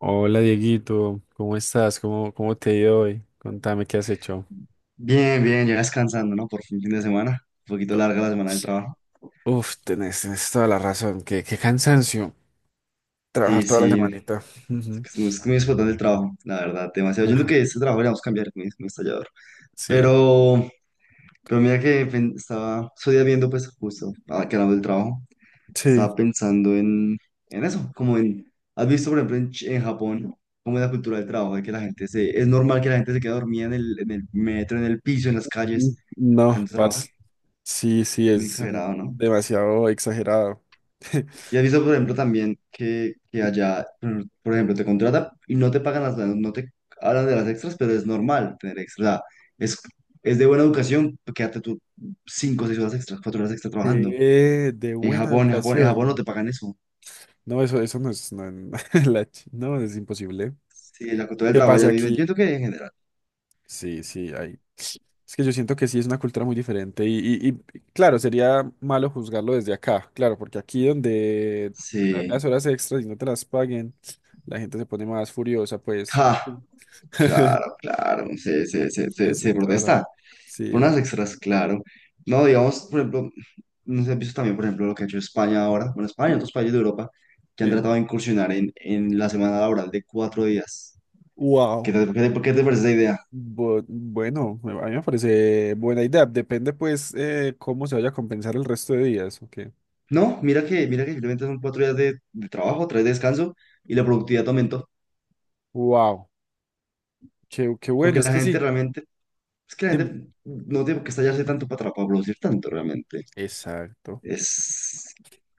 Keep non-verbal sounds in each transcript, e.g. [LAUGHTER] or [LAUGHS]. Hola Dieguito, ¿cómo estás? ¿Cómo te ha ido hoy? Contame qué has hecho. Bien, bien, ya descansando, ¿no? Por fin, fin de semana. Un poquito larga la semana del trabajo. Uf, tenés toda la razón. Qué cansancio trabajar Sí, toda la sí. semanita. Es Ujú. que es muy explotante el trabajo, la verdad, demasiado. Yo entiendo Ajá. que este trabajo le vamos a cambiar, es muy estallador. Sí. Pero, pero mira que estoy viendo, pues justo, ahora que hablamos del trabajo, Sí. estaba pensando en eso, como en, ¿has visto, por ejemplo, en, en Japón, cómo es la cultura del trabajo? De que es normal que la gente se quede dormida en el metro, en el piso, en las Mm, calles, no, tanto trabajar. parce. Sí, sí, Muy es exagerado, ¿no? demasiado exagerado. [LAUGHS] Y has visto, por ejemplo, también que allá, por ejemplo, te contratan y no te pagan no te hablan de las extras, pero es normal tener extras. O sea, es, es de buena educación, pues, quédate tú 5 o 6 horas extras, 4 horas extras trabajando. De En buena Japón, en Japón, en educación, Japón no te no. pagan eso. No, eso no es. No, [LAUGHS] No, es imposible. Sí, la cultura del ¿Qué trabajo allá pasa vive, aquí? entiendo que en general. Sí, sí, hay. Es que yo siento que sí es una cultura muy diferente y, claro, sería malo juzgarlo desde acá, claro, porque aquí donde Sí. las horas extras y no te las paguen, la gente se pone más furiosa, pues. Ja, Sí. [LAUGHS] claro, claro, se, se, se, se, Eso, se tara. protesta por unas Sí. extras, claro. No, digamos, por ejemplo, no sé si has visto también, por ejemplo, lo que ha hecho España ahora, bueno, España y otros países de Europa, que han que- tratado de incursionar en la semana laboral de 4 días. ¿Qué Wow. te, por qué te parece esa idea? Bueno, a mí me parece buena idea. Depende, pues, cómo se vaya a compensar el resto de días. Ok. No, mira que simplemente son cuatro días de trabajo, tres de descanso y la productividad aumentó. Wow. Qué bueno, Porque es la que gente sí. realmente, es que la Dime. gente no tiene por qué estallarse tanto para producir tanto realmente. Exacto. Es,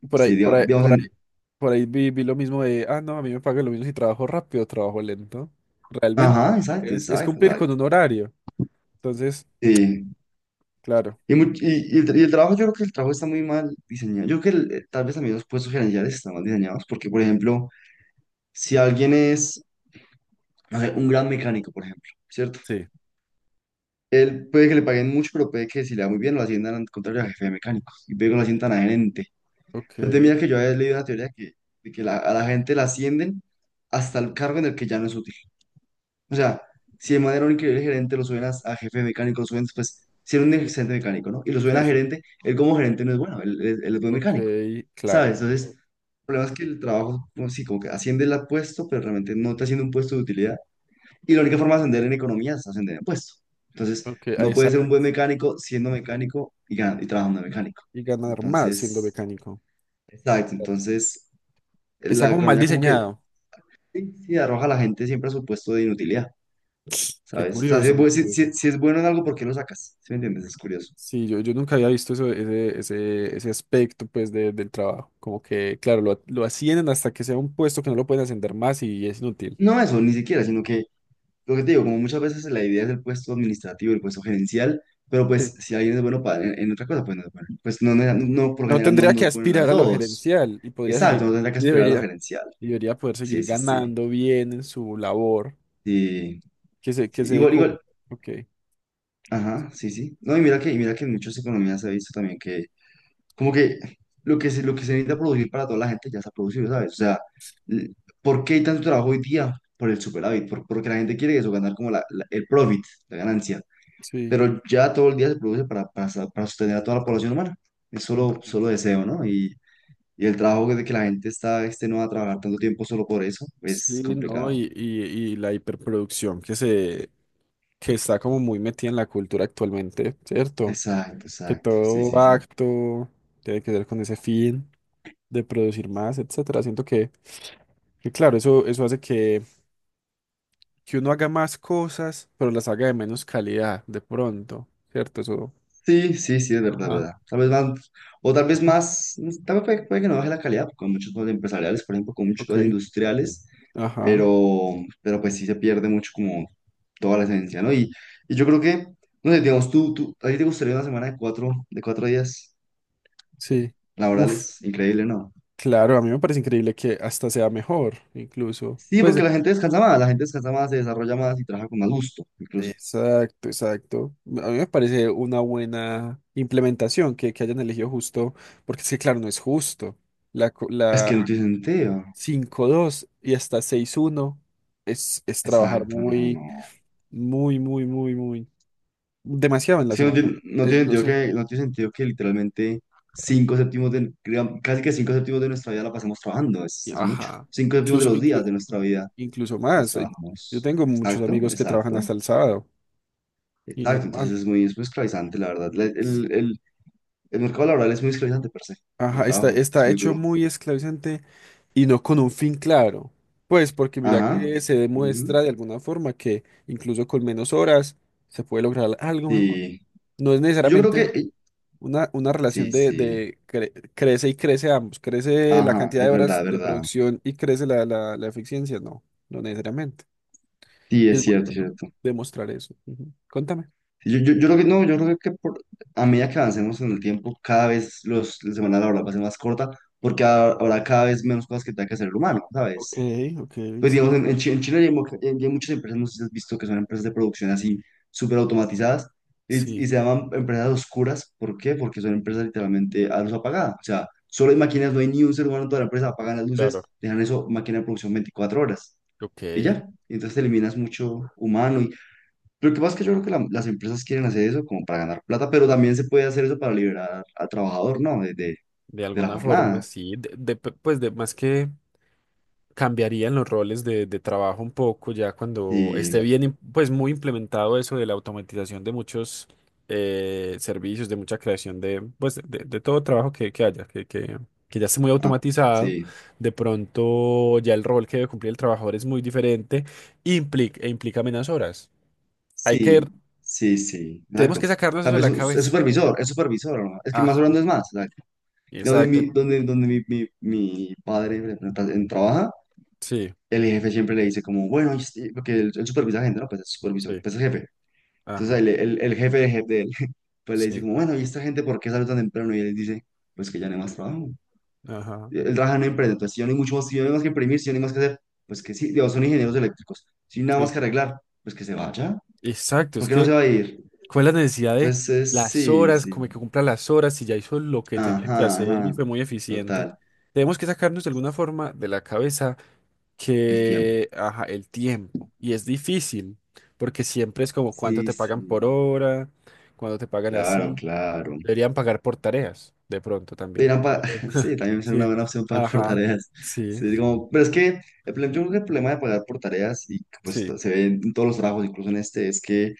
Por ahí, sí, por ahí, digamos, por ahí. Por ahí vi lo mismo de, ah, no, a mí me pagan lo mismo si trabajo rápido o trabajo lento. Realmente, ajá, exacto, es exacto, cumplir con exacto. un horario. Entonces, Sí. claro, Y el trabajo, yo creo que el trabajo está muy mal diseñado. Yo creo que tal vez también los puestos gerenciales están mal diseñados, porque, por ejemplo, si alguien es, no sé, un gran mecánico, por ejemplo, ¿cierto? sí, Él puede que le paguen mucho, pero puede que si le va muy bien lo asciendan al contrario a jefe de mecánico, y luego lo asciendan a gerente. ok, Pero te mira que yo había leído una teoría que, de que a la gente la ascienden hasta el cargo en el que ya no es útil. O sea, si de manera un increíble gerente lo suben a jefe de mecánico, lo suben después, si era un sí, excelente mecánico, ¿no? Y lo suben sí, a sí, gerente, él como gerente no es bueno, él es buen ok, mecánico. claro, ¿Sabes? Entonces, el problema es que el trabajo, como sí, como que asciende el puesto, pero realmente no te asciende un puesto de utilidad. Y la única forma de ascender en economía es ascender en puesto. Entonces, ok, ah, no puedes ser exacto. un buen mecánico siendo mecánico y, ganando, y trabajando de mecánico. Y ganar más siendo Entonces, mecánico. exacto. Claro. Entonces, Está la como mal economía como que diseñado. sí, sí, arroja a la gente siempre a su puesto de inutilidad, Qué ¿sabes? O sea, si curioso, es, qué bu- si- curioso. si- si es bueno en algo, ¿por qué lo sacas? ¿Sí me entiendes? Es curioso. Sí, yo nunca había visto eso, ese aspecto pues del trabajo. Como que, claro, lo ascienden hasta que sea un puesto que no lo pueden ascender más y es inútil. No eso, ni siquiera, sino que lo que te digo, como muchas veces la idea es el puesto administrativo, el puesto gerencial, pero pues si alguien es bueno en otra cosa, pues no es bueno. Pues no, no, no, no, por lo No general no, tendría no que es bueno en las aspirar a lo dos. gerencial y podría Exacto, seguir, no tendrá que y aspirar a lo debería, gerencial. y debería poder seguir Sí, sí, sí. ganando bien en su labor. Sí, que se, sí. que se, Igual, cu- igual. ok, Ajá, sí, sí. No, y mira que en muchas economías se ha visto también como que lo que se necesita producir para toda la gente ya se ha producido, ¿sabes? O sea, l- ¿por qué hay tanto trabajo hoy día? Por el superávit, porque la gente quiere eso, ganar como el profit, la ganancia. sí, Pero ya todo el día se produce para sostener a toda la población humana. Es solo, ok. solo deseo, ¿no? Y el trabajo de que la gente está extenuada a trabajar tanto tiempo solo por eso es Sí, no, complicado. y la hiperproducción que está como muy metida en la cultura actualmente, ¿cierto? Exacto, Que exacto. Sí, todo sí, sí. acto tiene que ver con ese fin de producir más, etcétera. Siento que claro, eso hace que uno haga más cosas, pero las haga de menos calidad, de pronto, ¿cierto? Eso. Sí, sí, sí, es verdad, Ajá. verdad. Tal vez van, o tal vez Ujú. más, tal vez puede que no baje la calidad con muchas cosas empresariales, por ejemplo, con muchas cosas Ok, industriales, ajá, pero, pero pues sí se pierde mucho como toda la esencia, ¿no? Y yo creo que, no sé, digamos, tú, ¿a ti te gustaría una semana de cuatro días sí. Uf, laborales, increíble, ¿no? claro, a mí me parece increíble que hasta sea mejor, incluso. Sí, Pues, porque la gente descansa más, la gente descansa más, se desarrolla más y trabaja con más gusto, incluso. exacto, exacto. A mí me parece una buena implementación que hayan elegido justo, porque es que, claro, no es justo. La, co- Es que no la tiene sentido. cinco dos y hasta seis uno es trabajar Exacto, no, no. muy, muy, muy, muy, muy, demasiado en Es la que no semana. tiene, no Es, tiene no sentido sé. que, no tiene sentido que literalmente cinco séptimos de, digamos, casi que cinco séptimos de nuestra vida la pasemos trabajando, es mucho. Ajá. Cinco séptimos de Incluso, los días inclu- de nuestra in- in- vida incluso los más. Yo trabajamos. tengo muchos Exacto, amigos que trabajan exacto, hasta el sábado y exacto. Entonces normal. es muy esclavizante, la verdad. El mercado laboral es muy esclavizante per se, el Ajá, está, trabajo es está muy hecho duro. muy esclavizante y no con un fin claro. Pues porque mira Ajá. que se Ujú. demuestra de alguna forma que incluso con menos horas se puede lograr algo mejor. Sí, No es yo creo que, necesariamente una relación sí, de, sí, de cre- crece y crece ambos. Crece la ajá, cantidad es de verdad, horas es de verdad. producción y crece la eficiencia. No, no necesariamente. Sí, Es es muy cierto, es bueno cierto. demostrar eso. Ujú. Contame. Sí, yo creo que, no, yo creo que por, a medida que avancemos en el tiempo, cada vez la semana laboral va a ser más corta, porque habrá cada vez menos cosas que tenga que hacer el humano, Ok, ¿sabes? ok, Pues digamos, sí. en, en China ya ya hay muchas empresas, no sé si has visto, que son empresas de producción así, súper automatizadas, y, Sí, y se llaman empresas oscuras, ¿por qué? Porque son empresas literalmente a luz apagada, o sea, solo hay máquinas, no hay ni un ser humano en toda la empresa, apagan las claro, luces, dejan eso, máquina de producción 24 horas. ok. Y ya. Entonces eliminas mucho humano. Y... Pero lo que pasa es que yo creo que las empresas quieren hacer eso como para ganar plata, pero también se puede hacer eso para liberar al trabajador, ¿no? De, de, De de la alguna forma, jornada. sí. Pues de más que cambiarían los roles de trabajo un poco ya cuando esté Sí, bien, pues muy implementado eso de la automatización de muchos servicios, de mucha creación de todo trabajo que haya, que ya esté muy ah, automatizado. sí, De pronto ya el rol que debe cumplir el trabajador es muy diferente e implica menos horas. Hay que sí, sí, sí, Tenemos exacto. que sacarnos eso Tal de vez la es cabeza. supervisor, es supervisor, ¿no? Es que más Ajá. hablando es más. Exacto. Donde Exacto. mi, donde, donde mi, mi, mi padre trabaja, Sí, el jefe siempre le dice como, bueno, porque el supervisor gente, ¿no? Pues es supervisor, sí. pues es jefe. Entonces Ajá. el jefe de jefe, pues le dice Sí. como, bueno, ¿y esta gente por qué sale tan temprano? Y él dice, pues que ya no hay más trabajo. Ajá. Él trabaja en una empresa, entonces si yo no hay mucho más, si yo no hay más que imprimir, si yo no hay más que hacer, pues que sí, digo, son ingenieros eléctricos, si no hay nada más Sí. que arreglar, pues que se vaya, Exacto. ¿por Es qué no se que, va a ir? ¿cuál es la necesidad de Entonces, las sí, horas? sí, Como que cumpla las horas y ya hizo lo que tenía que ajá, hacer y ajá, fue muy eficiente. total, Tenemos que sacarnos de alguna forma de la cabeza el tiempo. que, ajá, el tiempo. Y es difícil, porque siempre es como cuánto Sí, te pagan por sí, hora, cuánto te pagan claro, así. claro. Deberían pagar por tareas, de pronto también. era pa- De pronto. [LAUGHS] Sí, [LAUGHS] también es una Sí. buena opción pagar por Ajá. tareas. Sí. Sí, como... Pero es que el problema, yo creo que el problema de pagar por tareas, y que, pues Sí, se ve en todos los trabajos, incluso en este, es que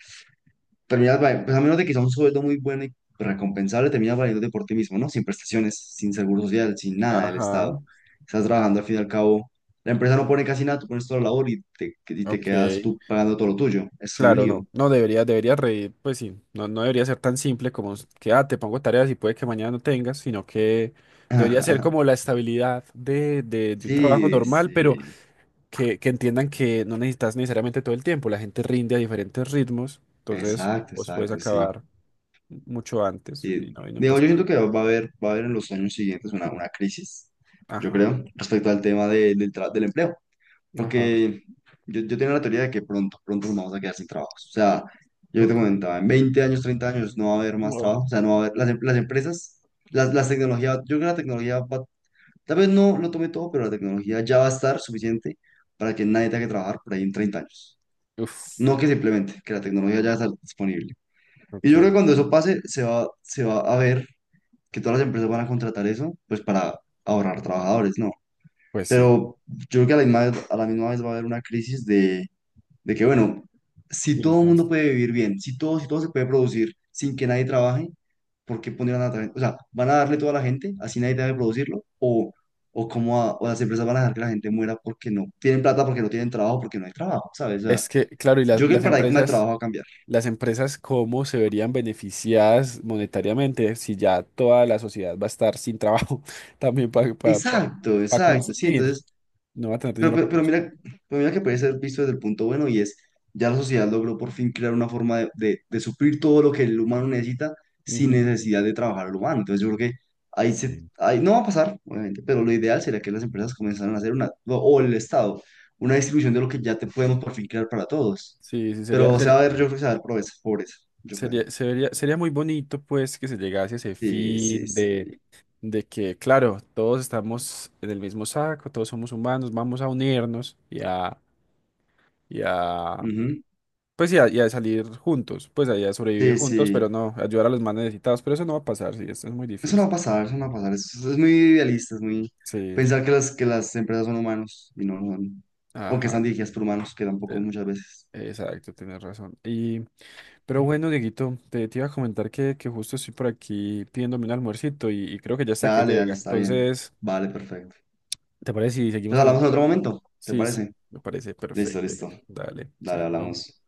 terminas, pues a menos de que sea un sueldo muy bueno y recompensable, terminas valiéndote por ti mismo, ¿no? Sin prestaciones, sin seguro social, sin nada del ajá, Estado. Estás trabajando al fin y al cabo. La empresa no pone casi nada, tú pones toda la labor y te ok, quedas tú pagando todo lo tuyo. Es un claro, lío. no, no debería, reír, pues sí, no, no debería ser tan simple como que, ah, te pongo tareas y puede que mañana no tengas, sino que debería ser [LAUGHS] como la estabilidad de un trabajo Sí, normal, pero sí. que entiendan que no necesitas necesariamente todo el tiempo, la gente rinde a diferentes ritmos, entonces Exacto, vos puedes exacto, sí. acabar mucho antes Sí, y no digamos, pasa yo nada. siento que va a haber en los años siguientes una crisis, yo Ajá, creo, respecto al tema del, del empleo, ajá. porque yo tengo la teoría de que pronto, pronto nos vamos a quedar sin trabajos. O sea, yo te Ok, comentaba, en 20 años, 30 años no va a haber más wow. trabajo, o sea, no va a haber, las empresas, las tecnologías, yo creo que la tecnología va, tal vez no lo tome todo, pero la tecnología ya va a estar suficiente para que nadie tenga que trabajar por ahí en 30 años. Uf, No que simplemente, que la tecnología ya va a estar disponible. Y yo creo que ok, cuando eso pase, se va a ver que todas las empresas van a contratar eso, pues para ahorrar trabajadores, ¿no? pues sí. Pero yo creo que a la misma vez va a haber una crisis de que, bueno, si y todo el mundo entonces puede vivir bien, si todo se puede producir sin que nadie trabaje, ¿por qué pondrían a trabajar? O sea, ¿van a darle todo a la gente, así nadie debe producirlo? Cómo o las empresas van a dejar que la gente muera porque no tienen plata, porque no tienen trabajo, porque no hay trabajo? ¿Sabes? O sea, Es que, claro, y las, yo creo que el las paradigma de empresas... trabajo va a cambiar. Las empresas cómo se verían beneficiadas monetariamente si ya toda la sociedad va a estar sin trabajo [LAUGHS] también para Exacto, exacto, sí, consumir, entonces. no va a tener Pero, dinero pero, para pero consumir. mira, pero mira que puede ser visto desde el punto bueno y es, ya la sociedad logró por fin crear una forma de suplir todo lo que el humano necesita sin Ujú. necesidad de trabajar al humano. Entonces yo creo que ahí, se, Sí. ahí no va a pasar, obviamente, pero lo ideal sería que las empresas comenzaran a hacer una, o el Estado, una distribución de lo que ya te podemos por fin crear para todos. Sí, sí, sería, Pero se sería, va a ver, yo creo que se va a ver pobreza, pobreza, yo creo. sería, sería, sería muy bonito pues que se llegase a ese Sí, fin sí, de, sí. de que, claro, todos estamos en el mismo saco, todos somos humanos, vamos a unirnos y a, Ujú. pues y a salir juntos, pues y a sobrevivir Sí, juntos, pero sí. no, ayudar a los más necesitados, pero eso no va a pasar, sí, esto es muy Eso no va difícil. a pasar, eso no va a pasar. Es muy idealista, es muy Sí, pensar que que las empresas son humanos y no lo son. O que ajá, están dirigidas por humanos, que tampoco te- muchas veces. exacto, tienes razón. Pero bueno, Dieguito, te iba a comentar que justo estoy por aquí pidiéndome un almuercito y creo que ya está que Dale, dale, llega. está bien. Entonces, Vale, perfecto. ¿te parece si seguimos Entonces hablamos hablando en otro luego? momento, ¿te Sí, sí, parece? me parece Listo, perfecto, listo. Dieguito. Dale, Dale, chaito. hablamos.